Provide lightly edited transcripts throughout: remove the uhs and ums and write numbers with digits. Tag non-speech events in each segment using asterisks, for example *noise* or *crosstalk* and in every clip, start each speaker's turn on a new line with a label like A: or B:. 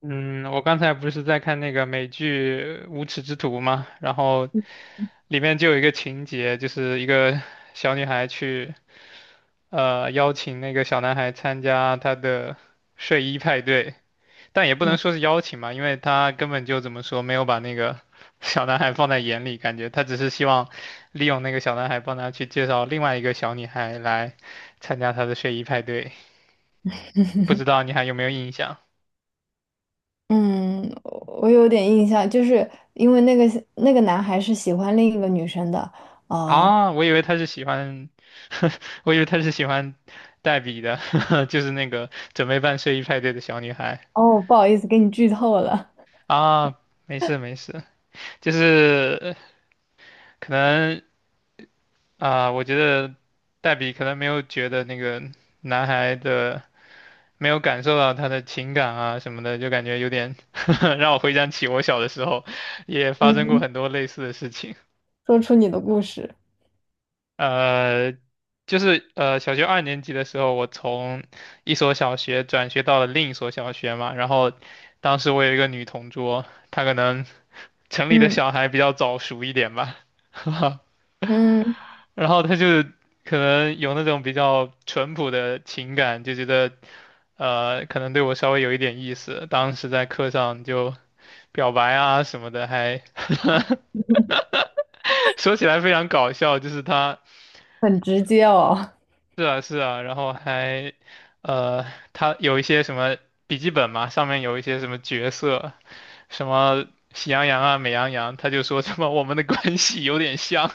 A: 嗯，我刚才不是在看那个美剧《无耻之徒》嘛，然后里面就有一个情节，就是一个小女孩去，邀请那个小男孩参加她的睡衣派对，但也不能说是邀请嘛，因为她根本就怎么说，没有把那个 *laughs* 小男孩放在眼里，感觉她只是希望利用那个小男孩帮她去介绍另外一个小女孩来参加她的睡衣派对，不知道你还有没有印象？
B: 嗯，我有点印象，就是因为那个男孩是喜欢另一个女生的，啊、
A: 啊，我以为他是喜欢，*laughs* 我以为他是喜欢黛比的，*laughs* 就是那个准备办睡衣派对的小女孩
B: 哦，不好意思，给你剧透了，
A: 啊。没事没事，就是可能啊、我觉得黛比可能没有觉得那个男孩的，没有感受到他的情感啊什么的，就感觉有点 *laughs* 让我回想起我小的时候也发生过
B: 嗯
A: 很多类似的事情。
B: *laughs* 说出你的故事，
A: 呃，就是小学二年级的时候，我从一所小学转学到了另一所小学嘛。然后当时我有一个女同桌，她可能 *laughs* 城里的
B: 嗯
A: 小孩比较早熟一点吧，*laughs*
B: 嗯，
A: 然后她就是可能有那种比较淳朴的情感，就觉得可能对我稍微有一点意思。当时在课上就表白啊什么的，还
B: *laughs*
A: *laughs* 说起来非常搞笑，就是她。
B: 很直接哦，
A: 是啊，是啊，然后还，呃，他有一些什么笔记本嘛，上面有一些什么角色，什么喜羊羊啊、美羊羊，他就说什么我们的关系有点像，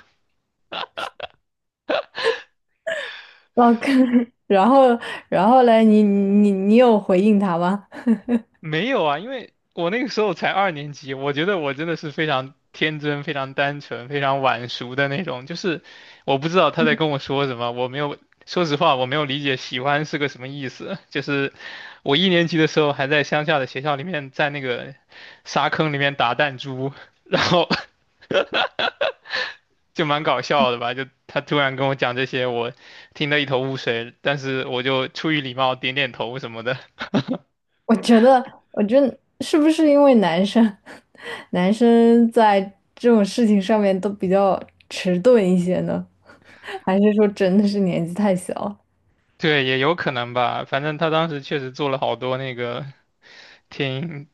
B: 哦，可 *laughs* 然后然后嘞，你有回应他吗？*laughs*
A: 没有啊，因为我那个时候才二年级，我觉得我真的是非常天真、非常单纯、非常晚熟的那种。就是我不知道他在跟我说什么，我没有，说实话，我没有理解喜欢是个什么意思。*laughs* 就是我一年级的时候还在乡下的学校里面，在那个沙坑里面打弹珠，然后 *laughs* 就蛮搞笑的吧。就他突然跟我讲这些，我听得一头雾水，但是我就出于礼貌点点头什么的。
B: 我觉得，我觉得是不是因为男生 *laughs* 男生在这种事情上面都比较迟钝一些呢？*laughs* 还是说真的是年纪太小？
A: 对，也有可能吧。反正他当时确实做了好多那个挺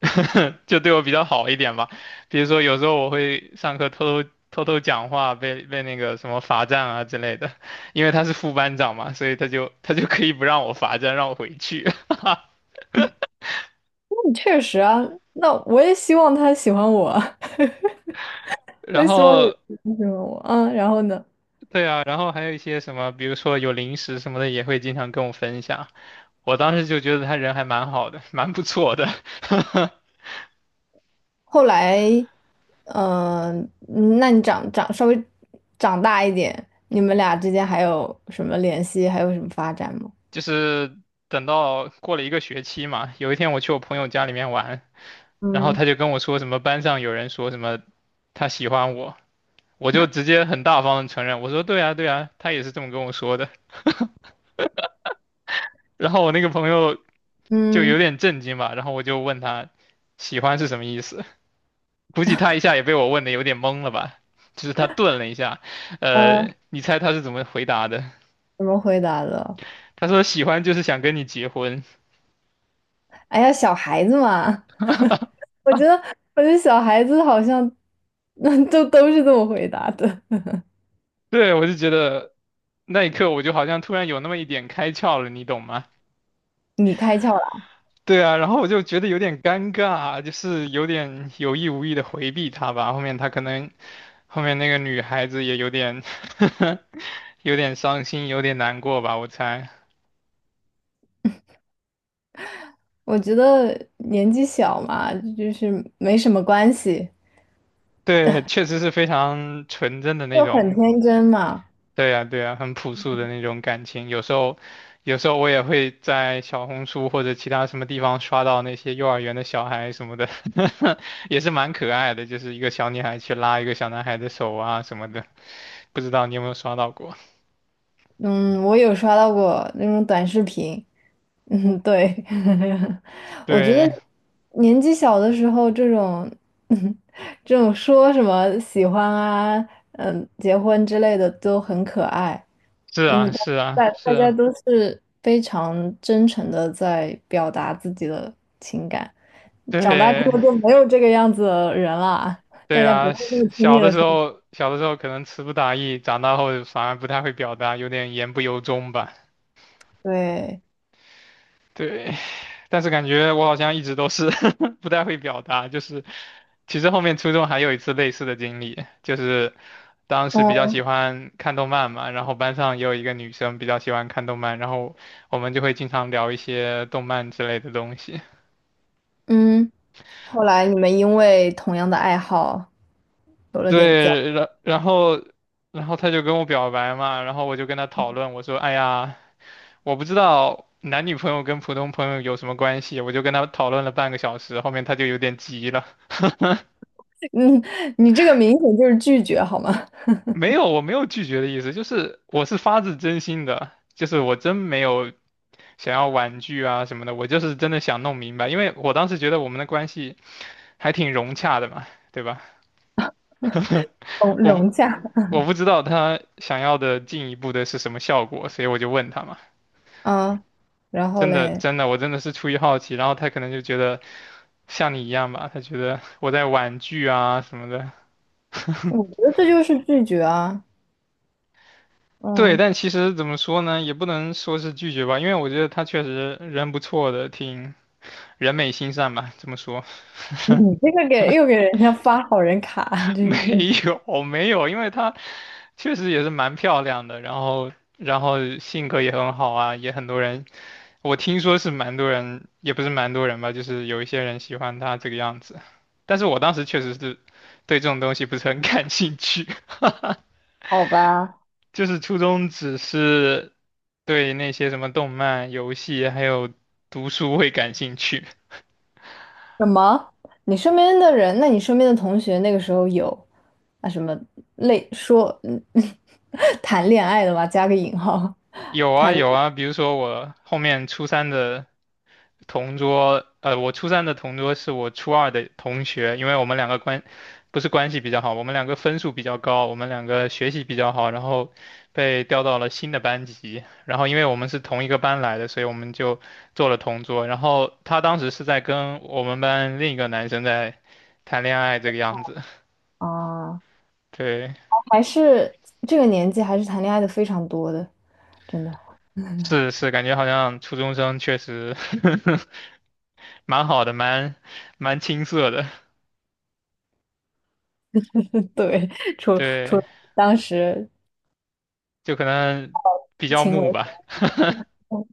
A: *laughs* 就对我比较好一点吧。比如说有时候我会上课偷偷偷偷讲话，被那个什么罚站啊之类的。因为他是副班长嘛，所以他就可以不让我罚站，让我回去。
B: 确实啊，那我也希望他喜欢我，*laughs*
A: *laughs*
B: 我
A: 然
B: 也希望有
A: 后
B: 人喜欢我。嗯，然后呢？
A: 对啊，然后还有一些什么，比如说有零食什么的，也会经常跟我分享。我当时就觉得他人还蛮好的，蛮不错的。*laughs*
B: 后来，嗯、嗯那你长稍微长大一点，你们俩之间还有什么联系，还有什么发展吗？
A: 就是等到过了一个学期嘛，有一天我去我朋友家里面玩，然后
B: 嗯
A: 他就跟我说什么班上有人说什么他喜欢我，我就直接很大方的承认，我说对啊对啊，他也是这么跟我说的。然后我那个朋友就有
B: 嗯，
A: 点震惊吧，然后我就问他喜欢是什么意思，估计他一下也被我问的有点懵了吧，就是他顿了一下，
B: 呃，
A: 你猜他是怎么回答的？
B: 怎么回答的？
A: 他说喜欢就是想跟你结婚。
B: 哎呀，小孩子嘛，我觉得，我觉得小孩子好像，*laughs* 那都是这么回答的。
A: *laughs* 对，我就觉得那一刻我就好像突然有那么一点开窍了，你懂吗？
B: 你开窍了，
A: 对啊，然后我就觉得有点尴尬啊，就是有点有意无意的回避他吧。后面他可能，后面那个女孩子也有点 *laughs* 有点伤心，有点难过吧，我猜。
B: 我觉得年纪小嘛，就是没什么关系。
A: 对，确实是非常纯真的那
B: 就很
A: 种
B: 天真嘛。
A: 对呀，对呀，很朴素的那种感情。有时候，有时候我也会在小红书或者其他什么地方刷到那些幼儿园的小孩什么的，*laughs* 也是蛮可爱的，就是一个小女孩去拉一个小男孩的手啊什么的。不知道你有没有刷到过？
B: 嗯，我有刷到过那种短视频。嗯，对，*laughs* 我觉得
A: 对，
B: 年纪小的时候，这种说什么喜欢啊，嗯，结婚之类的都很可爱，
A: 是
B: 因为
A: 啊，是啊，
B: 大
A: 是
B: 大家
A: 啊，
B: 都是非常真诚的在表达自己的情感。长大之
A: 对，
B: 后就没有这个样子的人了，大
A: 对
B: 家不
A: 啊。小
B: 会那么轻易
A: 小的
B: 的
A: 时
B: 说
A: 候，小的时候可能词不达意，长大后反而不太会表达，有点言不由衷吧。
B: 对。
A: 对，但是感觉我好像一直都是 *laughs* 不太会表达，就是其实后面初中还有一次类似的经历，就是当时比较
B: 嗯。
A: 喜欢看动漫嘛，然后班上也有一个女生比较喜欢看动漫，然后我们就会经常聊一些动漫之类的东西。
B: 嗯，后来你们因为同样的爱好有
A: *laughs*
B: 了点交，
A: 对，然后然后她就跟我表白嘛，然后我就跟她讨论，我说，哎呀，我不知道。男女朋友跟普通朋友有什么关系？我就跟她讨论了半个小时，后面她就有点急了。
B: 嗯，你这个明显就是拒绝好吗？*laughs*
A: 没有，我没有拒绝的意思，就是我是发自真心的，就是我真没有想要婉拒啊什么的，我就是真的想弄明白，因为我当时觉得我们的关系还挺融洽的嘛，对吧？
B: 融
A: 我不
B: 融洽，
A: 我不知道他想要的进一步的是什么效果，所以我就问他嘛，
B: 啊，然后
A: 真的
B: 嘞，
A: 真的，我真的是出于好奇，然后他可能就觉得像你一样吧，他觉得我在婉拒啊什么的。
B: 我觉得这就是拒绝啊，
A: 对，
B: 嗯，
A: 但其实怎么说呢，也不能说是拒绝吧，因为我觉得他确实人不错的，挺人美心善吧，这么说
B: *laughs* 你这个给又给人家发好人卡，
A: *laughs*
B: 这是
A: 没有没有，因为她确实也是蛮漂亮的，然后性格也很好啊，也很多人，我听说是蛮多人，也不是蛮多人吧，就是有一些人喜欢她这个样子，但是我当时确实是对这种东西不是很 *laughs* 感兴趣，
B: *laughs* 好吧？
A: *laughs* 就是初中只是对那些什么动漫、游戏还有读书会感兴趣。
B: 什么？你身边的人，那你身边的同学那个时候有啊什么类说嗯 *laughs* 谈恋爱的吧，加个引号
A: 有啊
B: 谈
A: 有啊，比如说我后面初三的同桌，我初三的同桌是我初二的同学，因为我们两个关，不是关系比较好，我们两个分数比较高，我们两个学习比较好，然后被调到了新的班级，然后因为我们是同一个班来的，所以我们就做了同桌，然后他当时是在跟我们班另一个男生在谈恋爱这个样子，
B: 啊。
A: 对，
B: 还是这个年纪还是谈恋爱的非常多的，真的。
A: 是是，感觉好像初中生确实 *laughs* 蛮好的，蛮青涩的，
B: *laughs* 对，除
A: 对，
B: 当时
A: 就可能比较
B: 情
A: 木
B: 为
A: 吧。
B: 何物，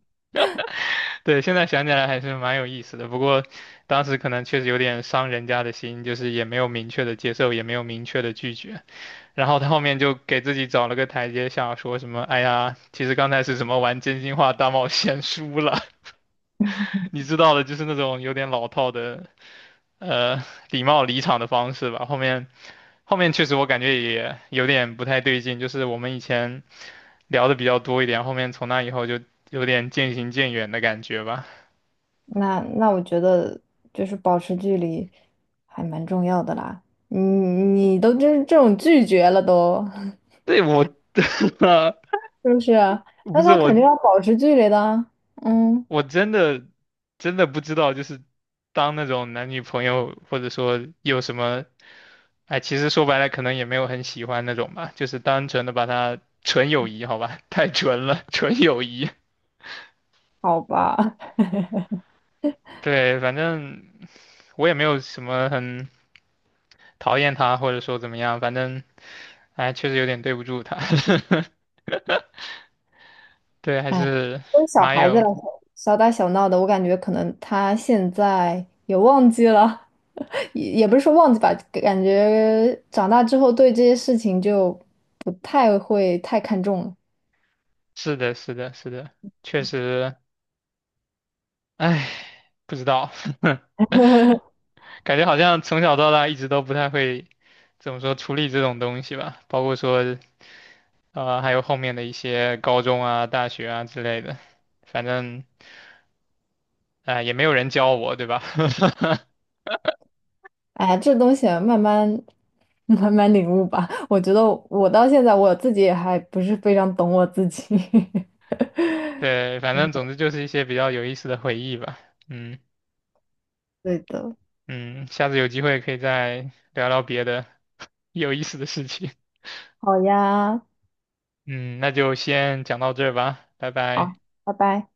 A: 对，现在想起来还是蛮有意思的，不过当时可能确实有点伤人家的心，就是也没有明确的接受，也没有明确的拒绝，然后他后面就给自己找了个台阶下，说什么“哎呀，其实刚才是什么玩真心话大冒险输了”，*laughs* 你知道的，就是那种有点老套的，呃，礼貌离场的方式吧。后面确实我感觉也有点不太对劲，就是我们以前聊的比较多一点，后面从那以后就有点渐行渐远的感觉吧。
B: 那我觉得就是保持距离还蛮重要的啦。你都这种拒绝了都，
A: 对我，*laughs*
B: *laughs* 是不是啊？
A: 不
B: 那
A: 是
B: 他
A: 我，
B: 肯定要保持距离的啊嗯，
A: 我真的真的不知道，就是当那种男女朋友或者说有什么，哎，其实说白了可能也没有很喜欢那种吧，就是单纯的把它纯友谊，好吧，*laughs* 太纯了，纯友谊。
B: 好吧。
A: 对，反正我也没有什么很讨厌他或者说怎么样，反正哎，确实有点对不住他。*laughs* 对，还
B: 哎，
A: 是
B: 作为小
A: 蛮
B: 孩子
A: 有，
B: 来说，小打小闹的，我感觉可能他现在也忘记了，*laughs* 也不是说忘记吧，感觉长大之后对这些事情就不太会太看重了。
A: 是的，是的，是的，确实。唉，不知道，*laughs* 感觉好像从小到大一直都不太会怎么说处理这种东西吧，包括说还有后面的一些高中啊、大学啊之类的，反正啊、也没有人教我，对吧？*laughs*
B: 哎呀这东西啊慢慢 *laughs* 慢慢领悟吧。我觉得我到现在我自己也还不是非常懂我自己。*laughs*
A: 对，反正总之就是一些比较有意思的回忆吧。嗯
B: 对的，
A: 嗯，下次有机会可以再聊聊别的有意思的事情。*laughs*
B: 好呀，
A: 嗯，那就先讲到这儿吧，拜拜。
B: 好，拜拜。